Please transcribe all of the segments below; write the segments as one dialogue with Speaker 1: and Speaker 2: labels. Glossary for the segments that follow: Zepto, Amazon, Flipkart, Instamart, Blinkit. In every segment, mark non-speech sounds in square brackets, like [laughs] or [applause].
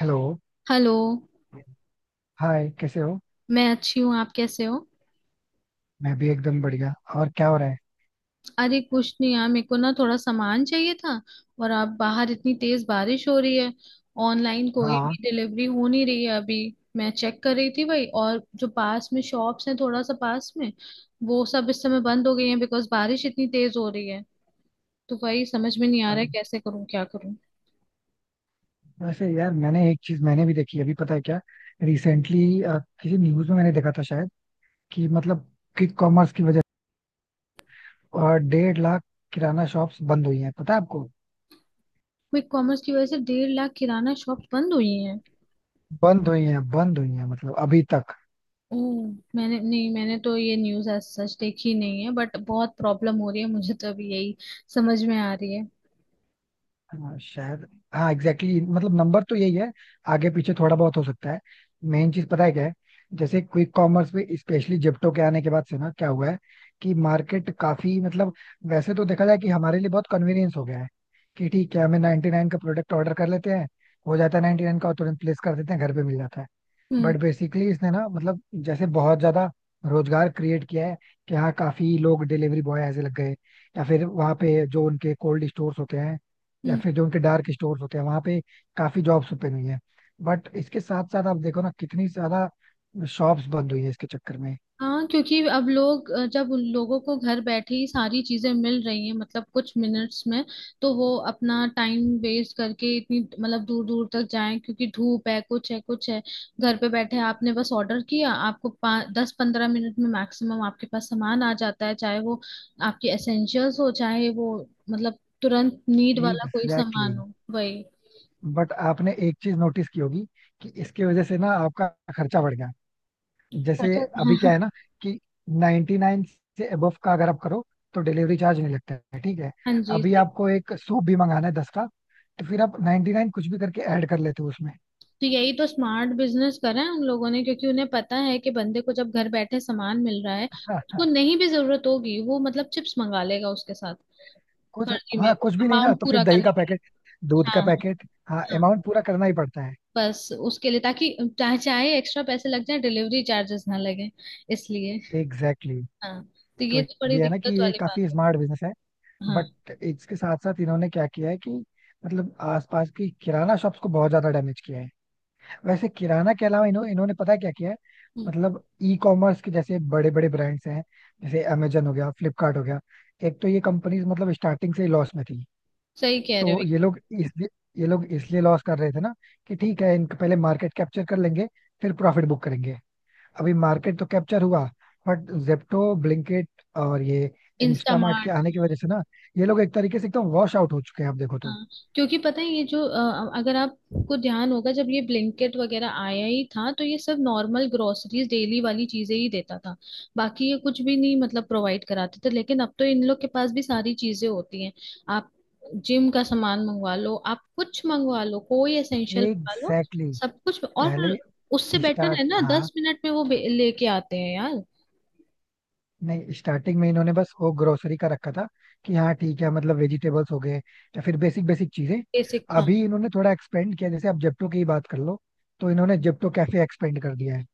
Speaker 1: Hello.
Speaker 2: Hello.
Speaker 1: Hi, कैसे हो?
Speaker 2: मैं अच्छी हूँ। आप कैसे हो?
Speaker 1: मैं भी एकदम बढ़िया. और क्या हो रहा है?
Speaker 2: अरे कुछ नहीं यार, मेरे को ना थोड़ा सामान चाहिए था। और अब बाहर इतनी तेज बारिश हो रही है। ऑनलाइन कोई
Speaker 1: हाँ.
Speaker 2: भी डिलीवरी हो नहीं रही है अभी। मैं चेक कर रही थी भाई, और जो पास में शॉप्स हैं थोड़ा सा पास में, वो सब इस समय बंद हो गई हैं बिकॉज बारिश इतनी तेज हो रही है। तो वही समझ में नहीं आ
Speaker 1: अ,
Speaker 2: रहा है, कैसे करूँ क्या करूँ।
Speaker 1: वैसे यार मैंने एक चीज मैंने भी देखी अभी, पता है क्या? रिसेंटली किसी न्यूज में मैंने देखा था शायद, कि मतलब क्विक कॉमर्स की वजह से 1,50,000 किराना शॉप्स बंद हुई हैं, पता है आपको?
Speaker 2: क्विक कॉमर्स की वजह से 1.5 लाख किराना शॉप बंद हुई हैं?
Speaker 1: बंद हुई हैं बंद हुई हैं, मतलब अभी तक.
Speaker 2: ओह, मैंने नहीं। मैंने तो ये न्यूज़ आज सच देखी नहीं है, बट बहुत प्रॉब्लम हो रही है मुझे तो अभी, यही समझ में आ रही है।
Speaker 1: हाँ शायद. हाँ, एग्जैक्टली, मतलब नंबर तो यही है. आगे पीछे थोड़ा बहुत हो सकता है. मेन चीज पता है क्या है? जैसे क्विक कॉमर्स में, स्पेशली जिप्टो के आने के बाद से ना क्या हुआ है कि मार्केट काफी मतलब, वैसे तो देखा जाए, कि हमारे लिए बहुत कन्वीनियंस हो गया है. कि ठीक है, हमें 99 नाइन का प्रोडक्ट ऑर्डर कर लेते हैं, हो जाता है 99 नाइन का, और तुरंत प्लेस कर देते हैं घर पे मिल जाता है.
Speaker 2: हम्म।
Speaker 1: बट बेसिकली इसने ना मतलब जैसे बहुत ज्यादा रोजगार क्रिएट किया है. कि हाँ, काफी लोग डिलीवरी बॉय ऐसे लग गए, या फिर वहाँ पे जो उनके कोल्ड स्टोर्स होते हैं, या
Speaker 2: हम्म।
Speaker 1: फिर जो उनके डार्क स्टोर्स होते हैं वहाँ पे काफी जॉब्स ओपन हुई है. बट इसके साथ साथ आप देखो ना कितनी ज्यादा शॉप्स बंद हुई है इसके चक्कर में.
Speaker 2: हाँ, क्योंकि अब लोग जब उन लोगों को घर बैठे ही सारी चीजें मिल रही हैं मतलब कुछ मिनट्स में, तो वो अपना टाइम वेस्ट करके इतनी मतलब दूर दूर तक जाएं? क्योंकि धूप है, कुछ है कुछ है। घर पे बैठे आपने बस ऑर्डर किया, आपको 5, 10, 15 मिनट में मैक्सिमम आपके पास सामान आ जाता है, चाहे वो आपके एसेंशियल्स हो, चाहे वो मतलब तुरंत नीड वाला कोई
Speaker 1: एग्जैक्टली
Speaker 2: सामान
Speaker 1: exactly.
Speaker 2: हो, वही।
Speaker 1: बट आपने एक चीज नोटिस की होगी कि इसकी वजह से ना आपका खर्चा बढ़ गया. जैसे
Speaker 2: खर्चा।
Speaker 1: अभी क्या
Speaker 2: [laughs]
Speaker 1: है ना, कि 99 से अबव का अगर आप करो तो डिलीवरी चार्ज नहीं लगता है, ठीक है.
Speaker 2: हाँ हाँ जी।
Speaker 1: अभी आपको एक सूप भी मंगाना है 10 का, तो फिर आप 99 कुछ भी करके ऐड कर लेते हो उसमें.
Speaker 2: तो यही तो स्मार्ट बिजनेस करा है उन लोगों ने, क्योंकि उन्हें पता है कि बंदे को जब घर बैठे सामान मिल रहा है,
Speaker 1: [laughs] हाँ
Speaker 2: उसको
Speaker 1: हाँ,
Speaker 2: नहीं भी जरूरत होगी वो मतलब चिप्स मंगा लेगा उसके साथ,
Speaker 1: कुछ.
Speaker 2: फर्जी में,
Speaker 1: हाँ,
Speaker 2: वो
Speaker 1: कुछ भी नहीं ना,
Speaker 2: अमाउंट
Speaker 1: तो फिर
Speaker 2: पूरा
Speaker 1: दही
Speaker 2: करने
Speaker 1: का
Speaker 2: के लिए।
Speaker 1: पैकेट, दूध
Speaker 2: हाँ
Speaker 1: का
Speaker 2: हाँ
Speaker 1: पैकेट. हाँ,
Speaker 2: हाँ।
Speaker 1: अमाउंट पूरा करना ही पड़ता है.
Speaker 2: बस उसके लिए, ताकि चाहे चाहे एक्स्ट्रा पैसे लग जाए डिलीवरी चार्जेस ना लगे, इसलिए।
Speaker 1: Exactly exactly.
Speaker 2: हाँ, तो
Speaker 1: तो
Speaker 2: ये तो बड़ी
Speaker 1: ये है ना कि
Speaker 2: दिक्कत
Speaker 1: ये
Speaker 2: वाली बात
Speaker 1: काफी
Speaker 2: है।
Speaker 1: स्मार्ट बिजनेस है.
Speaker 2: हाँ।
Speaker 1: बट इसके साथ साथ इन्होंने क्या किया है कि मतलब आसपास की किराना शॉप्स को बहुत ज्यादा डैमेज किया है. वैसे किराना के अलावा इन्होंने पता है क्या किया है?
Speaker 2: हम्म,
Speaker 1: मतलब ई कॉमर्स के जैसे बड़े बड़े ब्रांड्स हैं, जैसे अमेजन हो गया, फ्लिपकार्ट हो गया. एक तो ये कंपनीज मतलब स्टार्टिंग से ही लॉस में थी.
Speaker 2: सही कह रहे हो
Speaker 1: तो ये
Speaker 2: एकदम।
Speaker 1: लोग इसलिए ये लोग इसलिए लॉस कर रहे थे ना, कि ठीक है इनके पहले मार्केट कैप्चर कर लेंगे, फिर प्रॉफिट बुक करेंगे. अभी मार्केट तो कैप्चर हुआ. बट जेप्टो ब्लिंकिट और ये इंस्टामार्ट के
Speaker 2: इंस्टामार्ट।
Speaker 1: आने की वजह से ना, ये लोग एक तरीके से एकदम वॉश आउट हो चुके हैं, आप देखो तो.
Speaker 2: हाँ, क्योंकि पता है, ये जो अगर आपको ध्यान होगा, जब ये ब्लिंकेट वगैरह आया ही था तो ये सब नॉर्मल ग्रोसरीज डेली वाली चीजें ही देता था। बाकी ये कुछ भी नहीं मतलब प्रोवाइड कराते थे, लेकिन अब तो इन लोग के पास भी सारी चीजें होती हैं। आप जिम का सामान मंगवा लो, आप कुछ मंगवा लो, कोई एसेंशियल मंगवा लो।
Speaker 1: Exactly exactly.
Speaker 2: सब कुछ। और
Speaker 1: पहले
Speaker 2: उससे बेटर है
Speaker 1: स्टार्ट.
Speaker 2: ना,
Speaker 1: हाँ,
Speaker 2: 10 मिनट में वो लेके आते हैं यार।
Speaker 1: नहीं, स्टार्टिंग में इन्होंने बस वो ग्रोसरी का रखा था. कि हाँ ठीक है, मतलब वेजिटेबल्स हो गए या फिर बेसिक बेसिक चीजें.
Speaker 2: बेसिक हाँ।
Speaker 1: अभी इन्होंने थोड़ा एक्सपेंड किया. जैसे आप जेप्टो की ही बात कर लो, तो इन्होंने जेप्टो कैफे एक्सपेंड कर दिया है.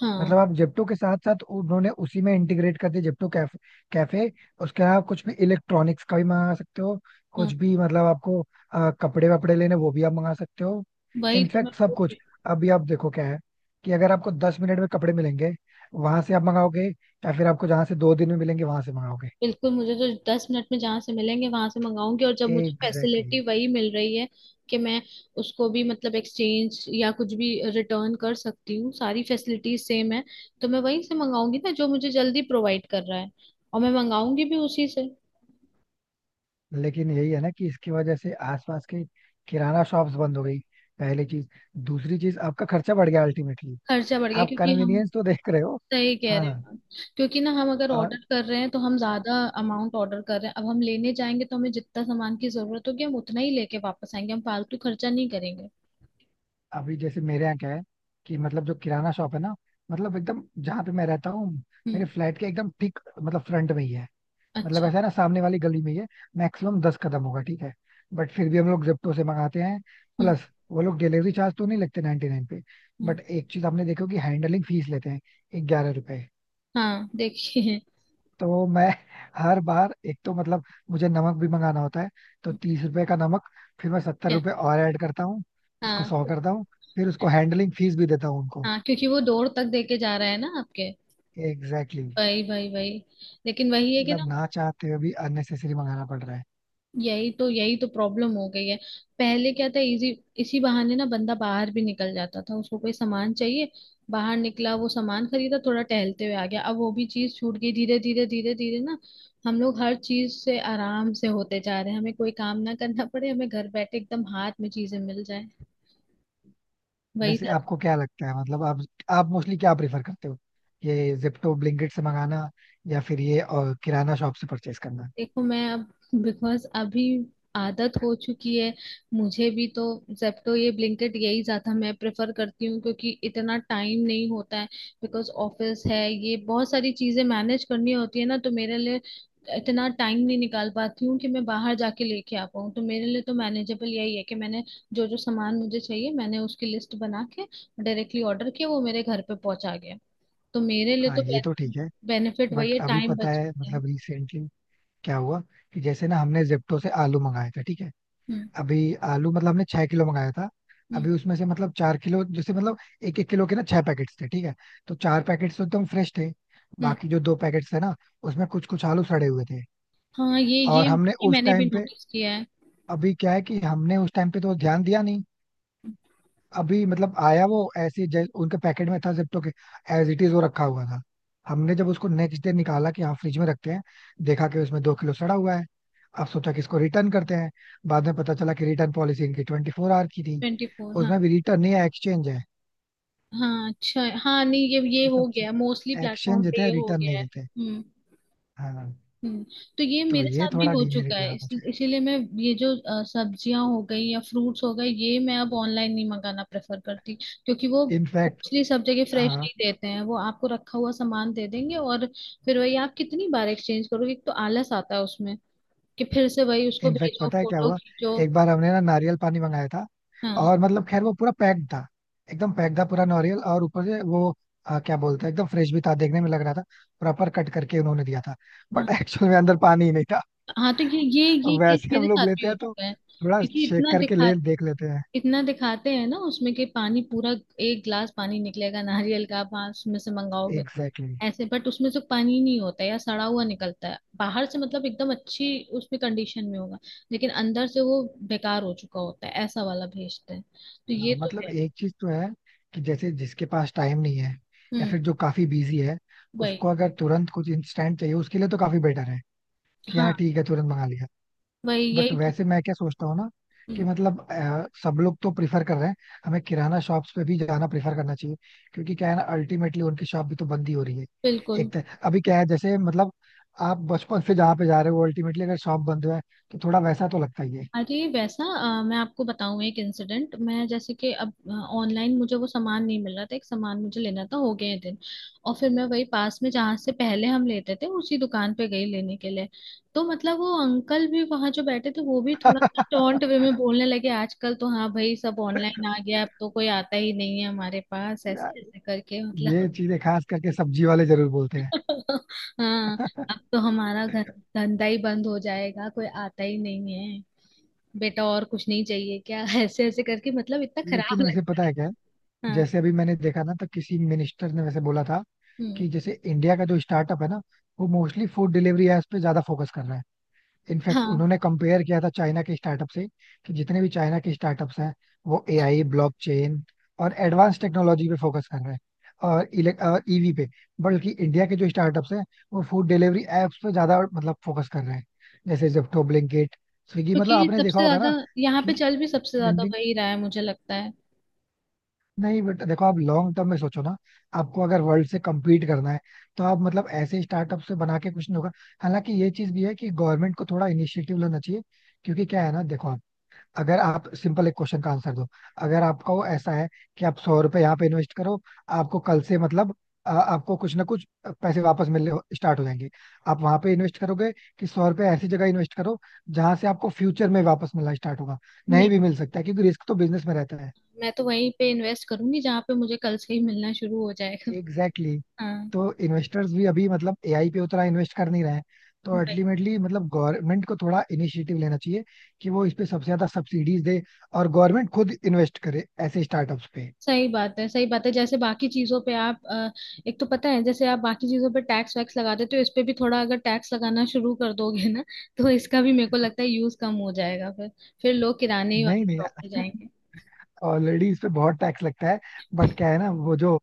Speaker 2: हाँ
Speaker 1: मतलब आप जेप्टो के साथ साथ उन्होंने उसी में इंटीग्रेट कर दिया जेप्टो कैफे कैफे उसके अलावा कुछ भी इलेक्ट्रॉनिक्स का भी मंगा सकते हो,
Speaker 2: हाँ,
Speaker 1: कुछ भी मतलब आपको. कपड़े वपड़े लेने वो भी आप मंगा सकते हो.
Speaker 2: वही तो मैं
Speaker 1: इनफैक्ट सब
Speaker 2: बोल
Speaker 1: कुछ.
Speaker 2: रही हूँ।
Speaker 1: अभी आप देखो क्या है, कि अगर आपको 10 मिनट में कपड़े मिलेंगे वहां से आप मंगाओगे, या फिर आपको जहां से 2 दिन में मिलेंगे वहां से मंगाओगे?
Speaker 2: बिल्कुल। मुझे तो 10 मिनट में जहां से मिलेंगे वहां से मंगाऊंगी, और जब मुझे
Speaker 1: एग्जैक्टली exactly.
Speaker 2: फैसिलिटी वही मिल रही है, कि मैं उसको भी मतलब एक्सचेंज या कुछ भी रिटर्न कर सकती हूँ, सारी फैसिलिटीज सेम है, तो मैं वहीं से मंगाऊंगी ना जो मुझे जल्दी प्रोवाइड कर रहा है। और मैं मंगाऊंगी भी उसी से।
Speaker 1: लेकिन यही है ना कि इसकी वजह से आसपास के किराना शॉप्स बंद हो गई. पहली चीज. दूसरी चीज, आपका खर्चा बढ़ गया अल्टीमेटली.
Speaker 2: खर्चा बढ़ गया,
Speaker 1: आप
Speaker 2: क्योंकि हम।
Speaker 1: कन्वीनियंस तो देख रहे हो.
Speaker 2: सही कह
Speaker 1: हाँ,
Speaker 2: रहे हैं। क्योंकि ना, हम अगर
Speaker 1: और
Speaker 2: ऑर्डर कर रहे हैं तो हम ज्यादा अमाउंट ऑर्डर कर रहे हैं, अब हम लेने जाएंगे तो हमें जितना सामान की जरूरत होगी हम उतना ही लेके वापस आएंगे, हम फालतू खर्चा नहीं करेंगे।
Speaker 1: अभी जैसे मेरे यहाँ क्या है, कि मतलब जो किराना शॉप है ना, मतलब एकदम जहाँ पे मैं रहता हूँ,
Speaker 2: हम्म।
Speaker 1: मेरे फ्लैट के एकदम ठीक मतलब फ्रंट में ही है. मतलब
Speaker 2: अच्छा।
Speaker 1: ऐसा है ना, सामने वाली गली में ही है. मैक्सिमम 10 कदम होगा, ठीक है. बट फिर भी हम लोग जेप्टो से मंगाते हैं.
Speaker 2: हम्म।
Speaker 1: प्लस वो लोग डिलीवरी चार्ज तो नहीं लगते 99 पे.
Speaker 2: हम्म।
Speaker 1: बट एक चीज आपने देखो कि हैंडलिंग फीस लेते हैं 11 रुपए.
Speaker 2: हाँ देखिए।
Speaker 1: तो मैं हर बार एक तो मतलब, मुझे नमक भी मंगाना होता है, तो 30 रुपए का नमक. फिर मैं सत्तर
Speaker 2: क्या?
Speaker 1: रुपए और ऐड करता हूँ, उसको
Speaker 2: हाँ
Speaker 1: 100 करता हूँ. फिर उसको हैंडलिंग फीस भी देता हूँ उनको.
Speaker 2: हाँ। क्योंकि वो डोर तक देके जा रहा है ना आपके।
Speaker 1: Exactly exactly.
Speaker 2: वही वही वही। लेकिन वही है कि ना,
Speaker 1: मतलब ना चाहते हुए भी अननेसेसरी मंगाना पड़ रहा है.
Speaker 2: यही तो प्रॉब्लम हो गई है। पहले क्या था? इजी। इसी बहाने ना बंदा बाहर भी निकल जाता था, उसको कोई सामान चाहिए, बाहर निकला वो सामान खरीदा, थोड़ा टहलते हुए आ गया। अब वो भी चीज छूट गई धीरे धीरे धीरे धीरे ना। हम लोग हर चीज से आराम से होते जा रहे हैं, हमें कोई काम ना करना पड़े, हमें घर बैठे एकदम हाथ में चीजें मिल जाए, वही
Speaker 1: वैसे
Speaker 2: था।
Speaker 1: आपको क्या लगता है, मतलब आप मोस्टली क्या प्रेफर करते हो, ये जिप्टो ब्लिंकिट से मंगाना, या फिर ये और किराना शॉप से परचेस करना?
Speaker 2: देखो मैं अब, बिकॉज अभी आदत हो चुकी है मुझे भी तो। जेप्टो, ये ब्लिंकिट, यही ज्यादा मैं प्रेफर करती हूँ, क्योंकि इतना टाइम नहीं होता है, बिकॉज ऑफिस है, ये बहुत सारी चीजें मैनेज करनी होती है ना, तो मेरे लिए इतना टाइम नहीं निकाल पाती हूँ कि मैं बाहर जाके लेके आ पाऊँ, तो मेरे लिए तो मैनेजेबल यही है, कि मैंने जो जो सामान मुझे चाहिए मैंने उसकी लिस्ट बना के डायरेक्टली ऑर्डर किया, वो मेरे घर पे पहुंचा गया। तो मेरे लिए
Speaker 1: हाँ,
Speaker 2: तो
Speaker 1: ये तो ठीक है.
Speaker 2: बेनिफिट वही
Speaker 1: बट
Speaker 2: है,
Speaker 1: अभी
Speaker 2: टाइम
Speaker 1: पता
Speaker 2: बच
Speaker 1: है
Speaker 2: है।
Speaker 1: मतलब रिसेंटली क्या हुआ, कि जैसे ना हमने जिप्टो से आलू मंगाए थे, ठीक है.
Speaker 2: हम्म।
Speaker 1: अभी आलू, मतलब हमने 6 किलो मंगाया था.
Speaker 2: हम्म।
Speaker 1: अभी उसमें से मतलब 4 किलो, जैसे मतलब, 1-1 किलो के ना 6 पैकेट्स थे, ठीक है. तो 4 पैकेट्स तो एकदम फ्रेश थे.
Speaker 2: हम्म।
Speaker 1: बाकी जो 2 पैकेट्स थे ना, उसमें कुछ कुछ आलू सड़े हुए थे.
Speaker 2: हाँ, ये ये
Speaker 1: और हमने
Speaker 2: ये
Speaker 1: उस
Speaker 2: मैंने भी
Speaker 1: टाइम पे,
Speaker 2: नोटिस किया है।
Speaker 1: अभी क्या है कि हमने उस टाइम पे तो ध्यान दिया नहीं. अभी मतलब आया वो ऐसे उनके पैकेट में था जिप्टो के, एज इट इज वो रखा हुआ था. हमने जब उसको नेक्स्ट डे निकाला कि हाँ फ्रिज में रखते हैं, देखा कि उसमें 2 किलो सड़ा हुआ है. अब सोचा कि इसको रिटर्न करते हैं. बाद में पता चला कि रिटर्न पॉलिसी इनकी 24 आवर की थी.
Speaker 2: 24 हाँ।
Speaker 1: उसमें भी रिटर्न नहीं है, एक्सचेंज है.
Speaker 2: हाँ अच्छा। हाँ नहीं, ये
Speaker 1: ये
Speaker 2: हो
Speaker 1: सब चीज
Speaker 2: गया मोस्टली, प्लेटफॉर्म
Speaker 1: एक्सचेंज देते
Speaker 2: पे
Speaker 1: हैं,
Speaker 2: ये हो
Speaker 1: रिटर्न
Speaker 2: गया
Speaker 1: नहीं
Speaker 2: है।
Speaker 1: देते.
Speaker 2: हम्म।
Speaker 1: हाँ,
Speaker 2: हम्म। तो ये
Speaker 1: तो
Speaker 2: मेरे
Speaker 1: ये
Speaker 2: साथ भी
Speaker 1: थोड़ा
Speaker 2: हो चुका
Speaker 1: डिमेरिट
Speaker 2: है,
Speaker 1: लगा मुझे.
Speaker 2: इसीलिए मैं। ये जो सब्जियां हो गई या फ्रूट्स हो गए, ये मैं अब ऑनलाइन नहीं मंगाना प्रेफर करती, क्योंकि वो
Speaker 1: इनफैक्ट
Speaker 2: मोस्टली सब जगह फ्रेश
Speaker 1: हाँ,
Speaker 2: नहीं देते हैं, वो आपको रखा हुआ सामान दे देंगे। और फिर वही, आप कितनी बार एक्सचेंज करोगे? एक तो आलस आता है उसमें, कि फिर से वही उसको
Speaker 1: इनफैक्ट
Speaker 2: भेजो,
Speaker 1: पता है क्या
Speaker 2: फोटो
Speaker 1: हुआ?
Speaker 2: खींचो।
Speaker 1: एक बार हमने ना नारियल पानी मंगाया था.
Speaker 2: हाँ
Speaker 1: और मतलब खैर वो पूरा पैक्ड था, एकदम पैक्ड था पूरा नारियल, और ऊपर से वो क्या बोलते हैं, एकदम फ्रेश भी था, देखने में लग रहा था, प्रॉपर कट करके उन्होंने दिया था. बट
Speaker 2: हाँ।
Speaker 1: [laughs] एक्चुअल में अंदर पानी ही नहीं था.
Speaker 2: हाँ, तो ये केस
Speaker 1: वैसे
Speaker 2: मेरे
Speaker 1: हम लोग
Speaker 2: साथ भी
Speaker 1: लेते
Speaker 2: हो
Speaker 1: हैं तो
Speaker 2: चुका है।
Speaker 1: थोड़ा
Speaker 2: क्योंकि
Speaker 1: शेक करके ले देख लेते हैं.
Speaker 2: इतना दिखाते हैं ना उसमें, कि पानी पूरा, एक गिलास पानी निकलेगा नारियल का, आप वहाँ उसमें से मंगाओगे तो।
Speaker 1: Exactly exactly.
Speaker 2: ऐसे, बट उसमें से पानी नहीं होता, या सड़ा हुआ निकलता है, बाहर से मतलब एकदम अच्छी उसमें कंडीशन में होगा, लेकिन अंदर से वो बेकार हो चुका होता है, ऐसा वाला भेजते हैं। तो ये
Speaker 1: हाँ,
Speaker 2: तो
Speaker 1: मतलब
Speaker 2: है।
Speaker 1: एक चीज तो है, कि जैसे जिसके पास टाइम नहीं है, या
Speaker 2: हम्म।
Speaker 1: फिर जो काफी बिजी है,
Speaker 2: वही।
Speaker 1: उसको अगर तुरंत कुछ इंस्टेंट चाहिए उसके लिए तो काफी बेटर है. कि हाँ
Speaker 2: हाँ,
Speaker 1: ठीक है, तुरंत मंगा लिया.
Speaker 2: वही,
Speaker 1: बट
Speaker 2: यही तो।
Speaker 1: वैसे मैं क्या सोचता हूँ ना, कि
Speaker 2: हम्म,
Speaker 1: मतलब सब लोग तो प्रिफर कर रहे हैं, हमें किराना शॉप्स पे भी जाना प्रिफर करना चाहिए. क्योंकि क्या है ना, अल्टीमेटली उनकी शॉप भी तो बंद ही हो रही है.
Speaker 2: बिल्कुल।
Speaker 1: एक तरह अभी क्या है जैसे मतलब, आप बचपन से जहाँ पे जा रहे हो अल्टीमेटली अगर शॉप बंद है, तो थोड़ा वैसा तो लगता ही है.
Speaker 2: अरे वैसा, मैं आपको बताऊं एक इंसिडेंट। मैं जैसे कि अब ऑनलाइन मुझे वो सामान नहीं मिल रहा था, एक सामान मुझे लेना था, हो गए हैं दिन। और फिर मैं वही पास में जहाँ से पहले हम लेते थे, उसी दुकान पे गई लेने के लिए। तो मतलब वो अंकल भी वहाँ जो बैठे थे, वो भी थोड़ा सा टोंट
Speaker 1: [laughs]
Speaker 2: वे में बोलने लगे, आजकल तो हाँ भाई सब ऑनलाइन आ गया, अब तो कोई आता ही नहीं है हमारे पास, ऐसे
Speaker 1: यार,
Speaker 2: ऐसे करके मतलब।
Speaker 1: ये चीजें खास करके सब्जी वाले जरूर बोलते हैं.
Speaker 2: [laughs] हाँ। अब तो हमारा घर, धंधा ही बंद हो जाएगा, कोई आता ही नहीं है, बेटा और कुछ नहीं चाहिए क्या? [laughs] ऐसे ऐसे करके मतलब इतना खराब
Speaker 1: लेकिन वैसे
Speaker 2: लगता
Speaker 1: पता
Speaker 2: है।
Speaker 1: है क्या है?
Speaker 2: हाँ।
Speaker 1: जैसे अभी मैंने देखा ना तो किसी मिनिस्टर ने वैसे बोला था,
Speaker 2: हम्म।
Speaker 1: कि जैसे इंडिया का जो स्टार्टअप है ना, वो मोस्टली फूड डिलीवरी एप्स पे ज्यादा फोकस कर रहा है. इनफैक्ट
Speaker 2: हाँ,
Speaker 1: उन्होंने कंपेयर किया था चाइना के स्टार्टअप से, कि जितने भी चाइना के स्टार्टअप्स हैं, वो एआई ब्लॉकचेन और एडवांस टेक्नोलॉजी पे फोकस कर रहे हैं, और इलेक्ट ईवी पे. बल्कि इंडिया के जो स्टार्टअप्स हैं, वो फूड डिलीवरी एप्स पे ज्यादा मतलब फोकस कर रहे हैं, जैसे जेप्टो, ब्लिंकिट, स्विगी,
Speaker 2: क्योंकि
Speaker 1: मतलब
Speaker 2: ये
Speaker 1: आपने देखा
Speaker 2: सबसे
Speaker 1: होगा
Speaker 2: ज्यादा,
Speaker 1: ना
Speaker 2: यहाँ पे
Speaker 1: कि
Speaker 2: चल भी सबसे ज्यादा
Speaker 1: ट्रेंडिंग.
Speaker 2: वही रहा है, मुझे लगता है।
Speaker 1: नहीं, बट देखो आप लॉन्ग टर्म में सोचो ना, आपको अगर वर्ल्ड से कम्पीट करना है, तो आप मतलब ऐसे स्टार्टअप से बना के कुछ नहीं होगा. हालांकि ये चीज भी है कि गवर्नमेंट को थोड़ा इनिशिएटिव लेना चाहिए. क्योंकि क्या है ना, देखो आप, अगर आप सिंपल एक क्वेश्चन का आंसर दो. अगर आपका वो ऐसा है कि आप 100 रुपए यहाँ पे इन्वेस्ट करो, आपको कल से मतलब आपको कुछ ना कुछ पैसे वापस मिलने स्टार्ट हो जाएंगे, आप वहां पे इन्वेस्ट करोगे? कि सौ रुपए ऐसी जगह इन्वेस्ट करो जहां से आपको फ्यूचर में वापस मिलना स्टार्ट होगा, नहीं
Speaker 2: नहीं,
Speaker 1: भी मिल सकता है क्योंकि रिस्क तो बिजनेस में रहता है.
Speaker 2: मैं तो वहीं पे इन्वेस्ट करूंगी जहाँ पे मुझे कल से ही मिलना शुरू हो जाएगा।
Speaker 1: Exactly exactly.
Speaker 2: [laughs] हाँ।
Speaker 1: तो इन्वेस्टर्स भी अभी मतलब एआई पे उतना इन्वेस्ट कर नहीं रहे हैं. तो
Speaker 2: वही।
Speaker 1: अल्टीमेटली मतलब गवर्नमेंट को थोड़ा इनिशिएटिव लेना चाहिए, कि वो इस पे सबसे ज्यादा सब्सिडीज दे, और गवर्नमेंट खुद इन्वेस्ट करे ऐसे स्टार्टअप्स पे.
Speaker 2: सही बात है, सही बात है, जैसे बाकी चीजों पे आप एक तो पता है, जैसे आप बाकी चीजों पे टैक्स वैक्स लगा देते हो, इस पे भी थोड़ा अगर टैक्स लगाना शुरू कर दोगे ना, तो इसका भी मेरे को लगता है यूज कम हो जाएगा। फिर लोग किराने ही
Speaker 1: नहीं
Speaker 2: वाली
Speaker 1: नहीं,
Speaker 2: शॉप पे जाएंगे।
Speaker 1: ऑलरेडी इस पे बहुत टैक्स लगता है. बट क्या है ना, वो जो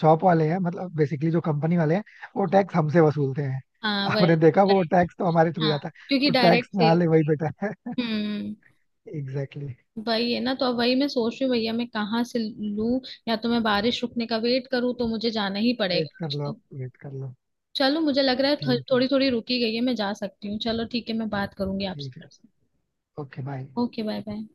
Speaker 1: शॉप वाले हैं, मतलब बेसिकली जो कंपनी वाले हैं, वो टैक्स हमसे वसूलते हैं.
Speaker 2: हाँ, वही
Speaker 1: आपने देखा वो
Speaker 2: वही।
Speaker 1: टैक्स तो हमारे थ्रू
Speaker 2: हाँ,
Speaker 1: जाता है.
Speaker 2: क्योंकि
Speaker 1: तो टैक्स
Speaker 2: डायरेक्ट
Speaker 1: ना
Speaker 2: सेल।
Speaker 1: ले वही बेटर है.
Speaker 2: हम्म।
Speaker 1: एग्जैक्टली.
Speaker 2: वही है ना, तो अब वही मैं सोच रही हूँ भैया, मैं कहाँ से लूँ। या तो मैं बारिश रुकने का वेट करूँ, तो मुझे जाना ही
Speaker 1: वेट
Speaker 2: पड़ेगा
Speaker 1: [laughs] कर
Speaker 2: आज
Speaker 1: लो,
Speaker 2: तो।
Speaker 1: वेट कर लो.
Speaker 2: चलो, मुझे लग रहा है
Speaker 1: ठीक है,
Speaker 2: थोड़ी थोड़ी रुकी गई है, मैं जा सकती हूँ। चलो ठीक है, मैं बात करूंगी आपसे।
Speaker 1: ठीक है. Okay, bye.
Speaker 2: Okay bye bye.